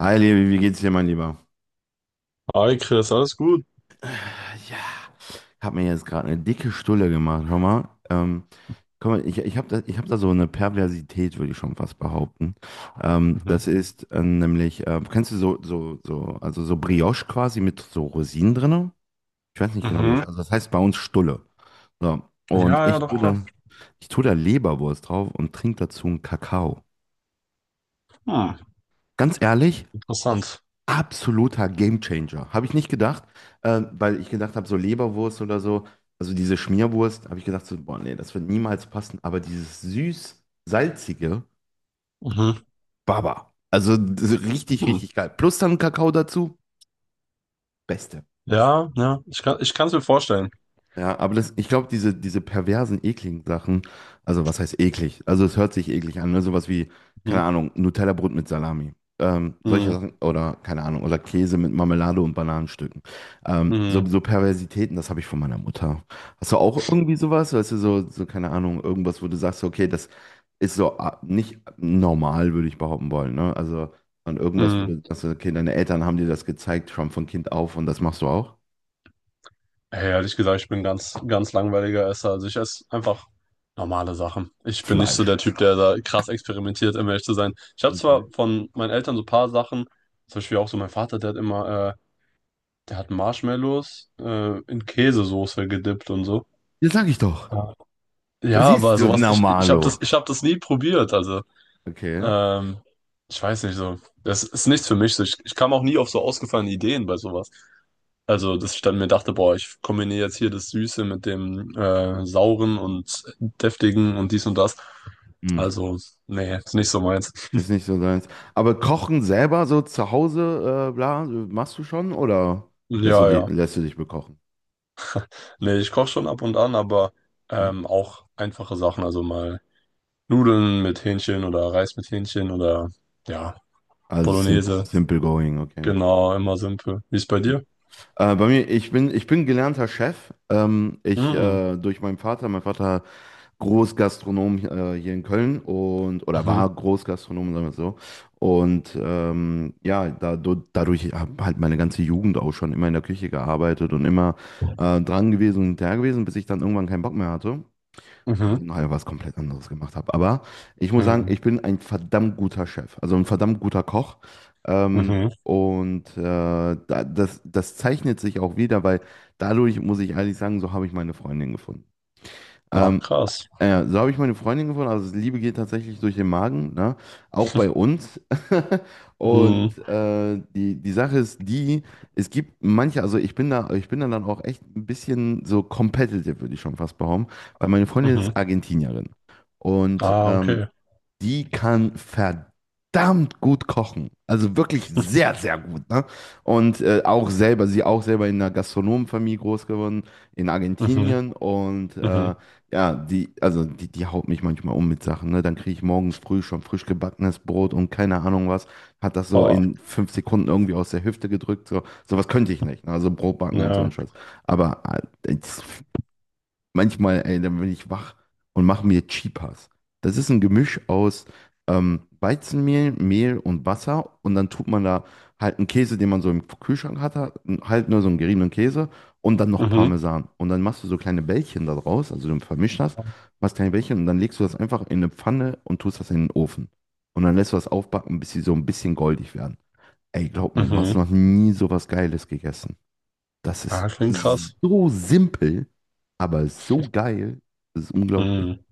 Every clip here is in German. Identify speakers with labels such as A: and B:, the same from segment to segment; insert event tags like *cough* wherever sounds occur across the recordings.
A: Hi, Levi, wie geht's dir, mein Lieber?
B: Hi Chris, alles gut?
A: Ja, hab mir jetzt gerade eine dicke Stulle gemacht, schau mal. Guck mal, ich hab da so eine Perversität, würde ich schon fast behaupten. Das
B: Mhm.
A: ist nämlich, kennst du so, also so Brioche quasi mit so Rosinen drinne? Ich weiß nicht genau, wie das,
B: Mhm.
A: also das heißt bei uns Stulle. So, und
B: Ja, ja,
A: ich
B: doch
A: tue
B: klar.
A: da, ich tue da Leberwurst drauf und trinke dazu einen Kakao.
B: Hm.
A: Ganz ehrlich,
B: Interessant.
A: absoluter Gamechanger. Habe ich nicht gedacht, weil ich gedacht habe, so Leberwurst oder so, also diese Schmierwurst, habe ich gedacht, so, boah, nee, das wird niemals passen. Aber dieses süß-salzige,
B: Mhm.
A: Baba. Also das ist richtig,
B: Hm.
A: richtig geil. Plus dann Kakao dazu, beste.
B: Ja, ja, ich kann es mir vorstellen.
A: Ja, aber das, ich glaube, diese perversen, ekligen Sachen, also was heißt eklig? Also es hört sich eklig an, ne? Sowas wie,
B: Mhm.
A: keine Ahnung, Nutella-Brot mit Salami. Solche
B: Mhm.
A: Sachen, oder keine Ahnung, oder Käse mit Marmelade und Bananenstücken. Ähm, so,
B: Mhm.
A: so Perversitäten, das habe ich von meiner Mutter. Hast du auch irgendwie sowas? Weißt du, so, keine Ahnung, irgendwas, wo du sagst, okay, das ist so nicht normal, würde ich behaupten wollen, ne? Also, an irgendwas, wo
B: Mhm.
A: du sagst, okay, deine Eltern haben dir das gezeigt, schon von Kind auf und das machst du auch?
B: Hey, ehrlich gesagt, ich bin ganz, ganz langweiliger Esser. Also ich esse einfach normale Sachen. Ich bin nicht so
A: Fleisch.
B: der Typ, der da krass experimentiert, um ehrlich zu sein. Ich habe zwar
A: Okay.
B: von meinen Eltern so ein paar Sachen, zum Beispiel auch so mein Vater, der hat immer, der hat Marshmallows in Käsesoße gedippt und so.
A: Das sag ich doch. Das
B: Ja,
A: ist
B: aber
A: so
B: sowas, ich habe das,
A: normalo.
B: ich hab das nie probiert. Also,
A: Okay.
B: ähm, ich weiß nicht so. Das ist nichts für mich. So. Ich kam auch nie auf so ausgefallene Ideen bei sowas. Also, dass ich dann mir dachte, boah, ich kombiniere jetzt hier das Süße mit dem Sauren und Deftigen und dies und das.
A: Hm.
B: Also, nee, ist nicht so meins.
A: Ist nicht so deins. Aber kochen selber so zu Hause, bla, machst du schon, oder lässt du
B: Ja,
A: dich,
B: ja.
A: lässt du dich bekochen?
B: Nee, ich koche schon ab und an, aber
A: Hm?
B: auch einfache Sachen. Also mal Nudeln mit Hähnchen oder Reis mit Hähnchen oder ja,
A: Also
B: Bolognese.
A: simple going, okay.
B: Genau, immer simpel. Wie ist bei
A: Hm.
B: dir?
A: Bei mir, ich bin gelernter Chef. Ich
B: Mhm.
A: durch meinen Vater, mein Vater Großgastronom hier in Köln und, oder war
B: Mhm.
A: Großgastronom, sagen wir es so. Und ja, dadurch habe halt meine ganze Jugend auch schon immer in der Küche gearbeitet und immer dran gewesen und hinterher gewesen, bis ich dann irgendwann keinen Bock mehr hatte und
B: Mhm.
A: dann nachher was komplett anderes gemacht habe. Aber ich muss sagen,
B: Mhm.
A: ich bin ein verdammt guter Chef, also ein verdammt guter Koch. Ähm,
B: Mhm.
A: und da, das zeichnet sich auch wieder, weil dadurch, muss ich ehrlich sagen, so habe ich meine Freundin gefunden.
B: Ach,
A: Ähm,
B: krass.
A: so habe ich meine Freundin gefunden. Also Liebe geht tatsächlich durch den Magen, ne? Auch bei uns. *laughs*
B: Mhm.
A: Und die Sache ist die, es gibt manche, also ich bin da dann auch echt ein bisschen so competitive, würde ich schon fast behaupten, weil meine Freundin ist
B: Mhm.
A: Argentinierin. Und
B: Ah, okay.
A: die kann verdammt gut kochen. Also wirklich
B: *laughs*
A: sehr, sehr gut, ne? Und auch selber, sie auch selber in einer Gastronomenfamilie groß geworden, in
B: Mhm.
A: Argentinien. Und
B: Mhm.
A: ja, die, also die haut mich manchmal um mit Sachen, ne? Dann kriege ich morgens früh schon frisch gebackenes Brot und keine Ahnung was. Hat das so
B: Ah,
A: in 5 Sekunden irgendwie aus der Hüfte gedrückt. So, sowas könnte ich nicht. Ne? Also Brot backen und so ein
B: ja.
A: Scheiß. Aber äh, manchmal, ey, dann bin ich wach und mache mir Chipas. Das ist ein Gemisch aus Weizenmehl, Mehl und Wasser. Und dann tut man da halt einen Käse, den man so im Kühlschrank hatte, halt nur so einen geriebenen Käse und dann noch
B: Mhm.
A: Parmesan. Und dann machst du so kleine Bällchen da draus, also du vermischst das, machst kleine Bällchen und dann legst du das einfach in eine Pfanne und tust das in den Ofen. Und dann lässt du das aufbacken, bis sie so ein bisschen goldig werden. Ey, glaub mir, du hast
B: Mhm.
A: noch nie so was Geiles gegessen. Das ist
B: Ah, klingt krass.
A: so simpel, aber so geil. Das ist unglaublich.
B: Mhm.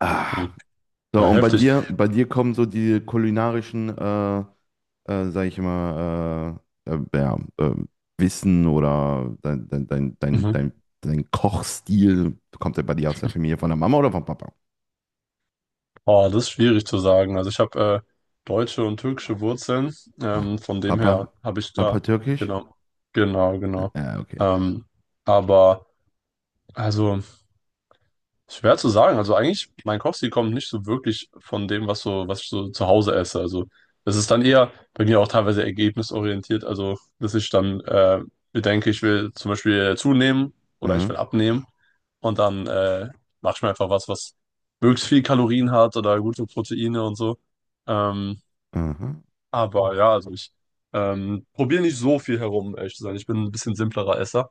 A: Ah.
B: Mhm.
A: So,
B: Ja,
A: und bei
B: heftig.
A: dir, bei dir kommen so die kulinarischen, sag ich mal, ja, Wissen oder dein, dein, dein, dein,
B: Mhm.
A: dein, dein Kochstil, kommt der bei dir aus der Familie von der Mama oder vom Papa?
B: Oh, das ist schwierig zu sagen. Also ich habe deutsche und türkische Wurzeln.
A: Ah,
B: Von dem her
A: Papa?
B: habe ich
A: Papa
B: da,
A: türkisch?
B: genau, genau, genau.
A: Ja, okay.
B: Ähm, aber also. Schwer zu sagen. Also eigentlich, mein Kochstil kommt nicht so wirklich von dem, was so, was ich so zu Hause esse. Also es ist dann eher bei mir auch teilweise ergebnisorientiert. Also dass ich dann bedenke, ich will zum Beispiel zunehmen oder ich
A: Mhm.
B: will abnehmen und dann mache ich mir einfach was, was möglichst viel Kalorien hat oder gute Proteine und so. Ähm,
A: Mhm.
B: aber ja, also ich probiere nicht so viel herum, ehrlich zu sein. Ich bin ein bisschen simplerer Esser.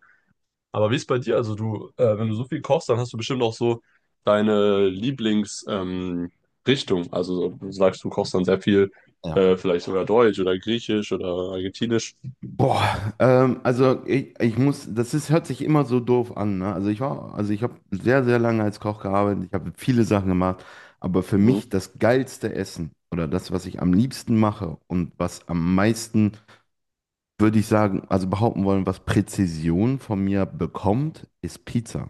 B: Aber wie ist bei dir? Also du, wenn du so viel kochst, dann hast du bestimmt auch so deine Lieblings, Richtung. Also so- du sagst, du kochst dann sehr viel,
A: Ja.
B: vielleicht sogar Deutsch oder Griechisch oder Argentinisch.
A: Boah, also ich muss, das ist, hört sich immer so doof an, ne? Also ich habe sehr, sehr lange als Koch gearbeitet, ich habe viele Sachen gemacht, aber für
B: Mhm.
A: mich das geilste Essen oder das, was ich am liebsten mache und was am meisten, würde ich sagen, also behaupten wollen, was Präzision von mir bekommt, ist Pizza.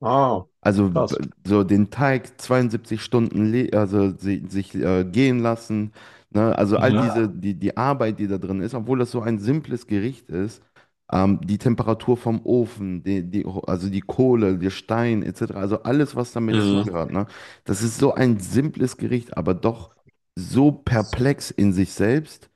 B: Ah,
A: Also
B: krass.
A: so den Teig 72 Stunden sich gehen lassen, ne? Also all diese
B: Mhm.
A: die die Arbeit, die da drin ist, obwohl das so ein simples Gericht ist, die Temperatur vom Ofen, die, die also die Kohle, der Stein etc. Also alles, was damit
B: Mhm.
A: zugehört, ne? Das ist so ein simples Gericht, aber doch so perplex in sich selbst,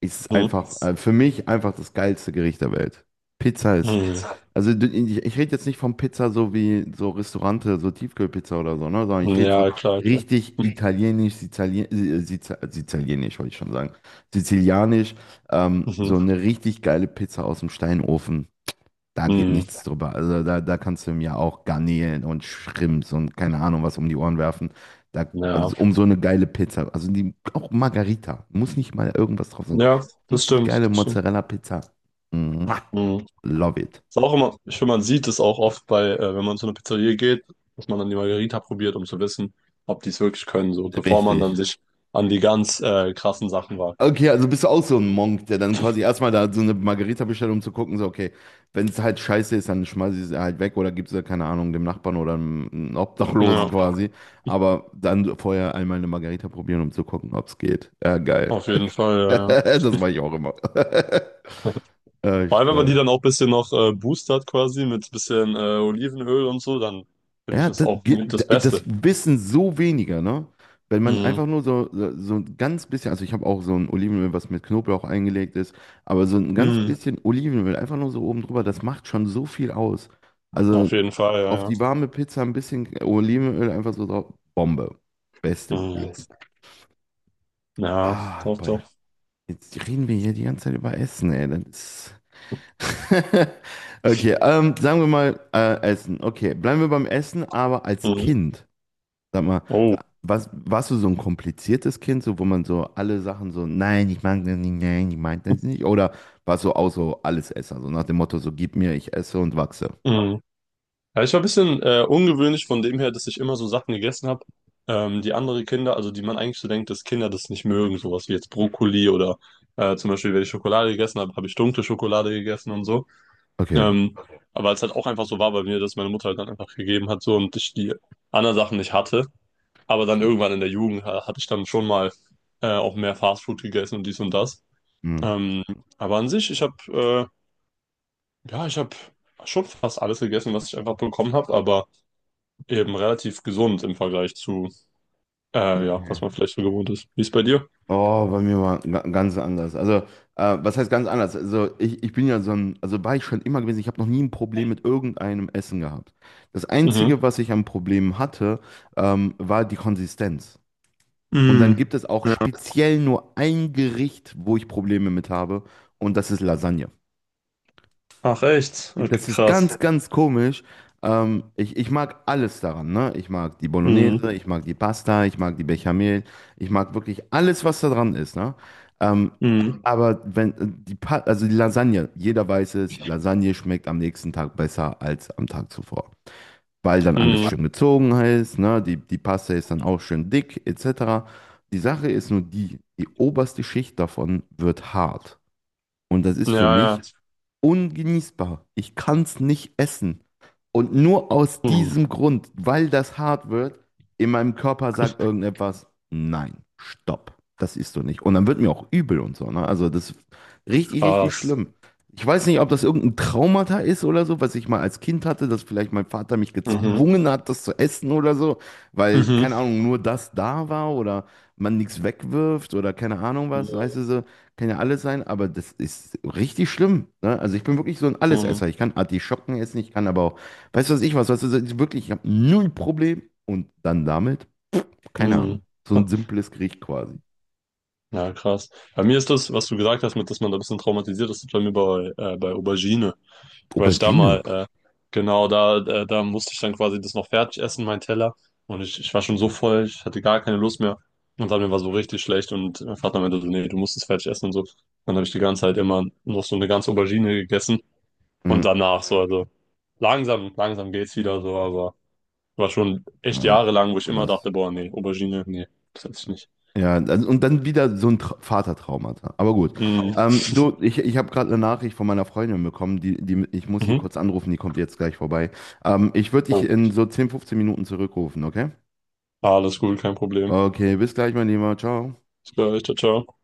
A: ist es
B: Mhm.
A: einfach für mich einfach das geilste Gericht der Welt. Pizza ist
B: Mhm.
A: also du- ich rede jetzt nicht von Pizza so wie so Restaurante, so Tiefkühlpizza oder so, ne? Sondern ich rede
B: Ja, klar, klar.
A: richtig italienisch, Sizilien, Sizilianisch, wollte ich schon sagen. Sizilianisch, so
B: Mhm.
A: eine richtig geile Pizza aus dem Steinofen. Da geht
B: Mhm.
A: nichts drüber. Also da kannst du mir auch Garnelen und Shrimps und keine Ahnung was um die Ohren werfen. Da, also
B: Ja.
A: um so eine geile Pizza. Also die, auch Margarita. Muss nicht mal irgendwas drauf sein.
B: Ja, das
A: Richtig geile
B: stimmt, das stimmt.
A: Mozzarella-Pizza. Mua,
B: Mhm.
A: love it.
B: Ist auch immer, ich finde, man sieht es auch oft bei, wenn man zu einer Pizzeria geht, dass man dann die Margherita probiert, um zu wissen, ob die es wirklich können, so, bevor man dann
A: Richtig.
B: sich an die ganz krassen Sachen wagt.
A: Okay, also bist du auch so ein Monk, der dann quasi erstmal da so eine Margarita bestellt, um zu gucken, so, okay, wenn es halt scheiße ist, dann schmeiße ich es halt weg oder gib's es, keine Ahnung, dem Nachbarn oder einem Obdachlosen
B: Ja,
A: quasi. Aber dann vorher einmal eine Margarita probieren, um zu gucken, ob's geht. Ja, geil.
B: auf
A: *laughs*
B: jeden Fall, ja.
A: Das mache ich auch immer. *laughs*
B: Ja.
A: Ja,
B: *laughs* Vor allem, wenn man die
A: stark.
B: dann auch ein bisschen noch boostert quasi mit ein bisschen Olivenöl und so, dann finde ich
A: Ja,
B: das auch mit das
A: das
B: Beste.
A: wissen so weniger, ne? Wenn man
B: Mhm.
A: einfach nur so, ein ganz bisschen, also ich habe auch so ein Olivenöl, was mit Knoblauch eingelegt ist, aber so ein ganz
B: Mhm.
A: bisschen Olivenöl, einfach nur so oben drüber, das macht schon so viel aus. Also
B: Auf jeden Fall, ja,
A: auf
B: ja.
A: die warme Pizza ein bisschen Olivenöl einfach so drauf, Bombe. Beste, wo
B: Mhm.
A: gibt.
B: Ja,
A: Ah,
B: doch,
A: boy.
B: doch.
A: Jetzt reden wir hier die ganze Zeit über Essen, ey. Das ist… *laughs* Okay, sagen wir mal Essen. Okay, bleiben wir beim Essen, aber als
B: Mhm.
A: Kind. Sag mal,
B: Oh.
A: Warst du so ein kompliziertes Kind, so wo man so alle Sachen so, nein, ich mag das nicht, nein, ich mag das nicht? Oder warst du auch so Allesesser, so nach dem Motto, so gib mir, ich esse und wachse?
B: Mhm. Ja, ich war ein bisschen ungewöhnlich von dem her, dass ich immer so Sachen gegessen habe, die andere Kinder, also die man eigentlich so denkt, dass Kinder das nicht mögen, sowas wie jetzt Brokkoli oder zum Beispiel, wenn ich Schokolade gegessen habe, habe ich dunkle Schokolade gegessen und so.
A: Okay.
B: Ähm, aber es halt auch einfach so war bei mir, dass meine Mutter halt dann einfach gegeben hat so und ich die anderen Sachen nicht hatte. Aber dann
A: Schön.
B: irgendwann in der Jugend hatte ich dann schon mal auch mehr Fastfood gegessen und dies und das.
A: Hm.
B: Ähm, aber an sich, ich habe ja, ich habe schon fast alles gegessen, was ich einfach bekommen habe, aber eben relativ gesund im Vergleich zu, ja, was
A: Okay.
B: man vielleicht so gewohnt ist. Wie ist bei dir?
A: Oh, bei mir war ganz anders. Also, was heißt ganz anders? Also, ich bin ja so ein, also war ich schon immer gewesen, ich habe noch nie ein Problem mit irgendeinem Essen gehabt. Das
B: Mhm.
A: Einzige, was ich an Problemen hatte, war die Konsistenz. Und dann
B: Mm.
A: gibt es auch
B: Ja.
A: speziell nur ein Gericht, wo ich Probleme mit habe, und das ist Lasagne.
B: Ach echt? Okay,
A: Das ist
B: krass.
A: ganz, ganz komisch. Ich mag alles daran, ne? Ich mag die Bolognese,
B: Mm.
A: ich mag die Pasta, ich mag die Bechamel, ich mag wirklich alles, was da dran ist, ne? Ähm,
B: Mm.
A: aber wenn also die Lasagne, jeder weiß es, Lasagne schmeckt am nächsten Tag besser als am Tag zuvor, weil dann alles schön
B: Mhm.
A: gezogen ist, ne? Die Paste ist dann auch schön dick, etc. Die Sache ist nur die, die oberste Schicht davon wird hart. Und das ist für
B: Ja, ja.
A: mich ungenießbar. Ich kann es nicht essen. Und nur aus
B: Mhm.
A: diesem Grund, weil das hart wird, in meinem Körper sagt irgendetwas, nein, stopp, das isst du nicht. Und dann wird mir auch übel und so. Ne? Also das ist richtig, richtig
B: Krass.
A: schlimm. Ich weiß nicht, ob das irgendein Traumata ist oder so, was ich mal als Kind hatte, dass vielleicht mein Vater mich
B: Mhm.
A: gezwungen hat, das zu essen oder so, weil,
B: Mhm.
A: keine Ahnung, nur das da war oder man nichts wegwirft oder keine Ahnung was, weißt du so. Kann ja alles sein, aber das ist richtig schlimm. Ne? Also ich bin wirklich so ein Allesesser.
B: Mhm.
A: Ich kann Artischocken essen, ich kann aber auch, weißt du was ich was, weißt du, ich wirklich, ich habe null Problem. Und dann damit, keine Ahnung,
B: Mhm.
A: so ein
B: *laughs*
A: simples Gericht quasi.
B: Ja, krass. Bei mir ist das, was du gesagt hast, mit, dass man da ein bisschen traumatisiert ist, das ist bei mir bei, bei Aubergine. Weil ich da
A: Aubergine.
B: mal, genau, da, da, da musste ich dann quasi das noch fertig essen, mein Teller. Und ich war schon so voll, ich hatte gar keine Lust mehr. Und dann mir war so richtig schlecht und mein Vater meinte so, nee, du musst es fertig essen und so. Dann habe ich die ganze Zeit immer noch so eine ganze Aubergine gegessen und
A: Mhm.
B: danach so, also langsam, langsam geht's wieder so, aber war schon echt
A: Ah, okay,
B: jahrelang, wo ich immer
A: krass.
B: dachte, boah, nee, Aubergine, nee, das esse ich nicht.
A: Ja, also, und dann wieder so ein Tra Vatertraumata. Aber gut.
B: Mhm.
A: Du, ich habe gerade eine Nachricht von meiner Freundin bekommen, ich muss sie
B: Mhm.
A: kurz anrufen, die kommt jetzt gleich vorbei. Ich würde dich
B: Oh,
A: in so 10, 15 Minuten zurückrufen, okay?
B: alles gut, kein Problem.
A: Okay, bis gleich, mein Lieber. Ciao.
B: Bis gleich, ciao, ciao.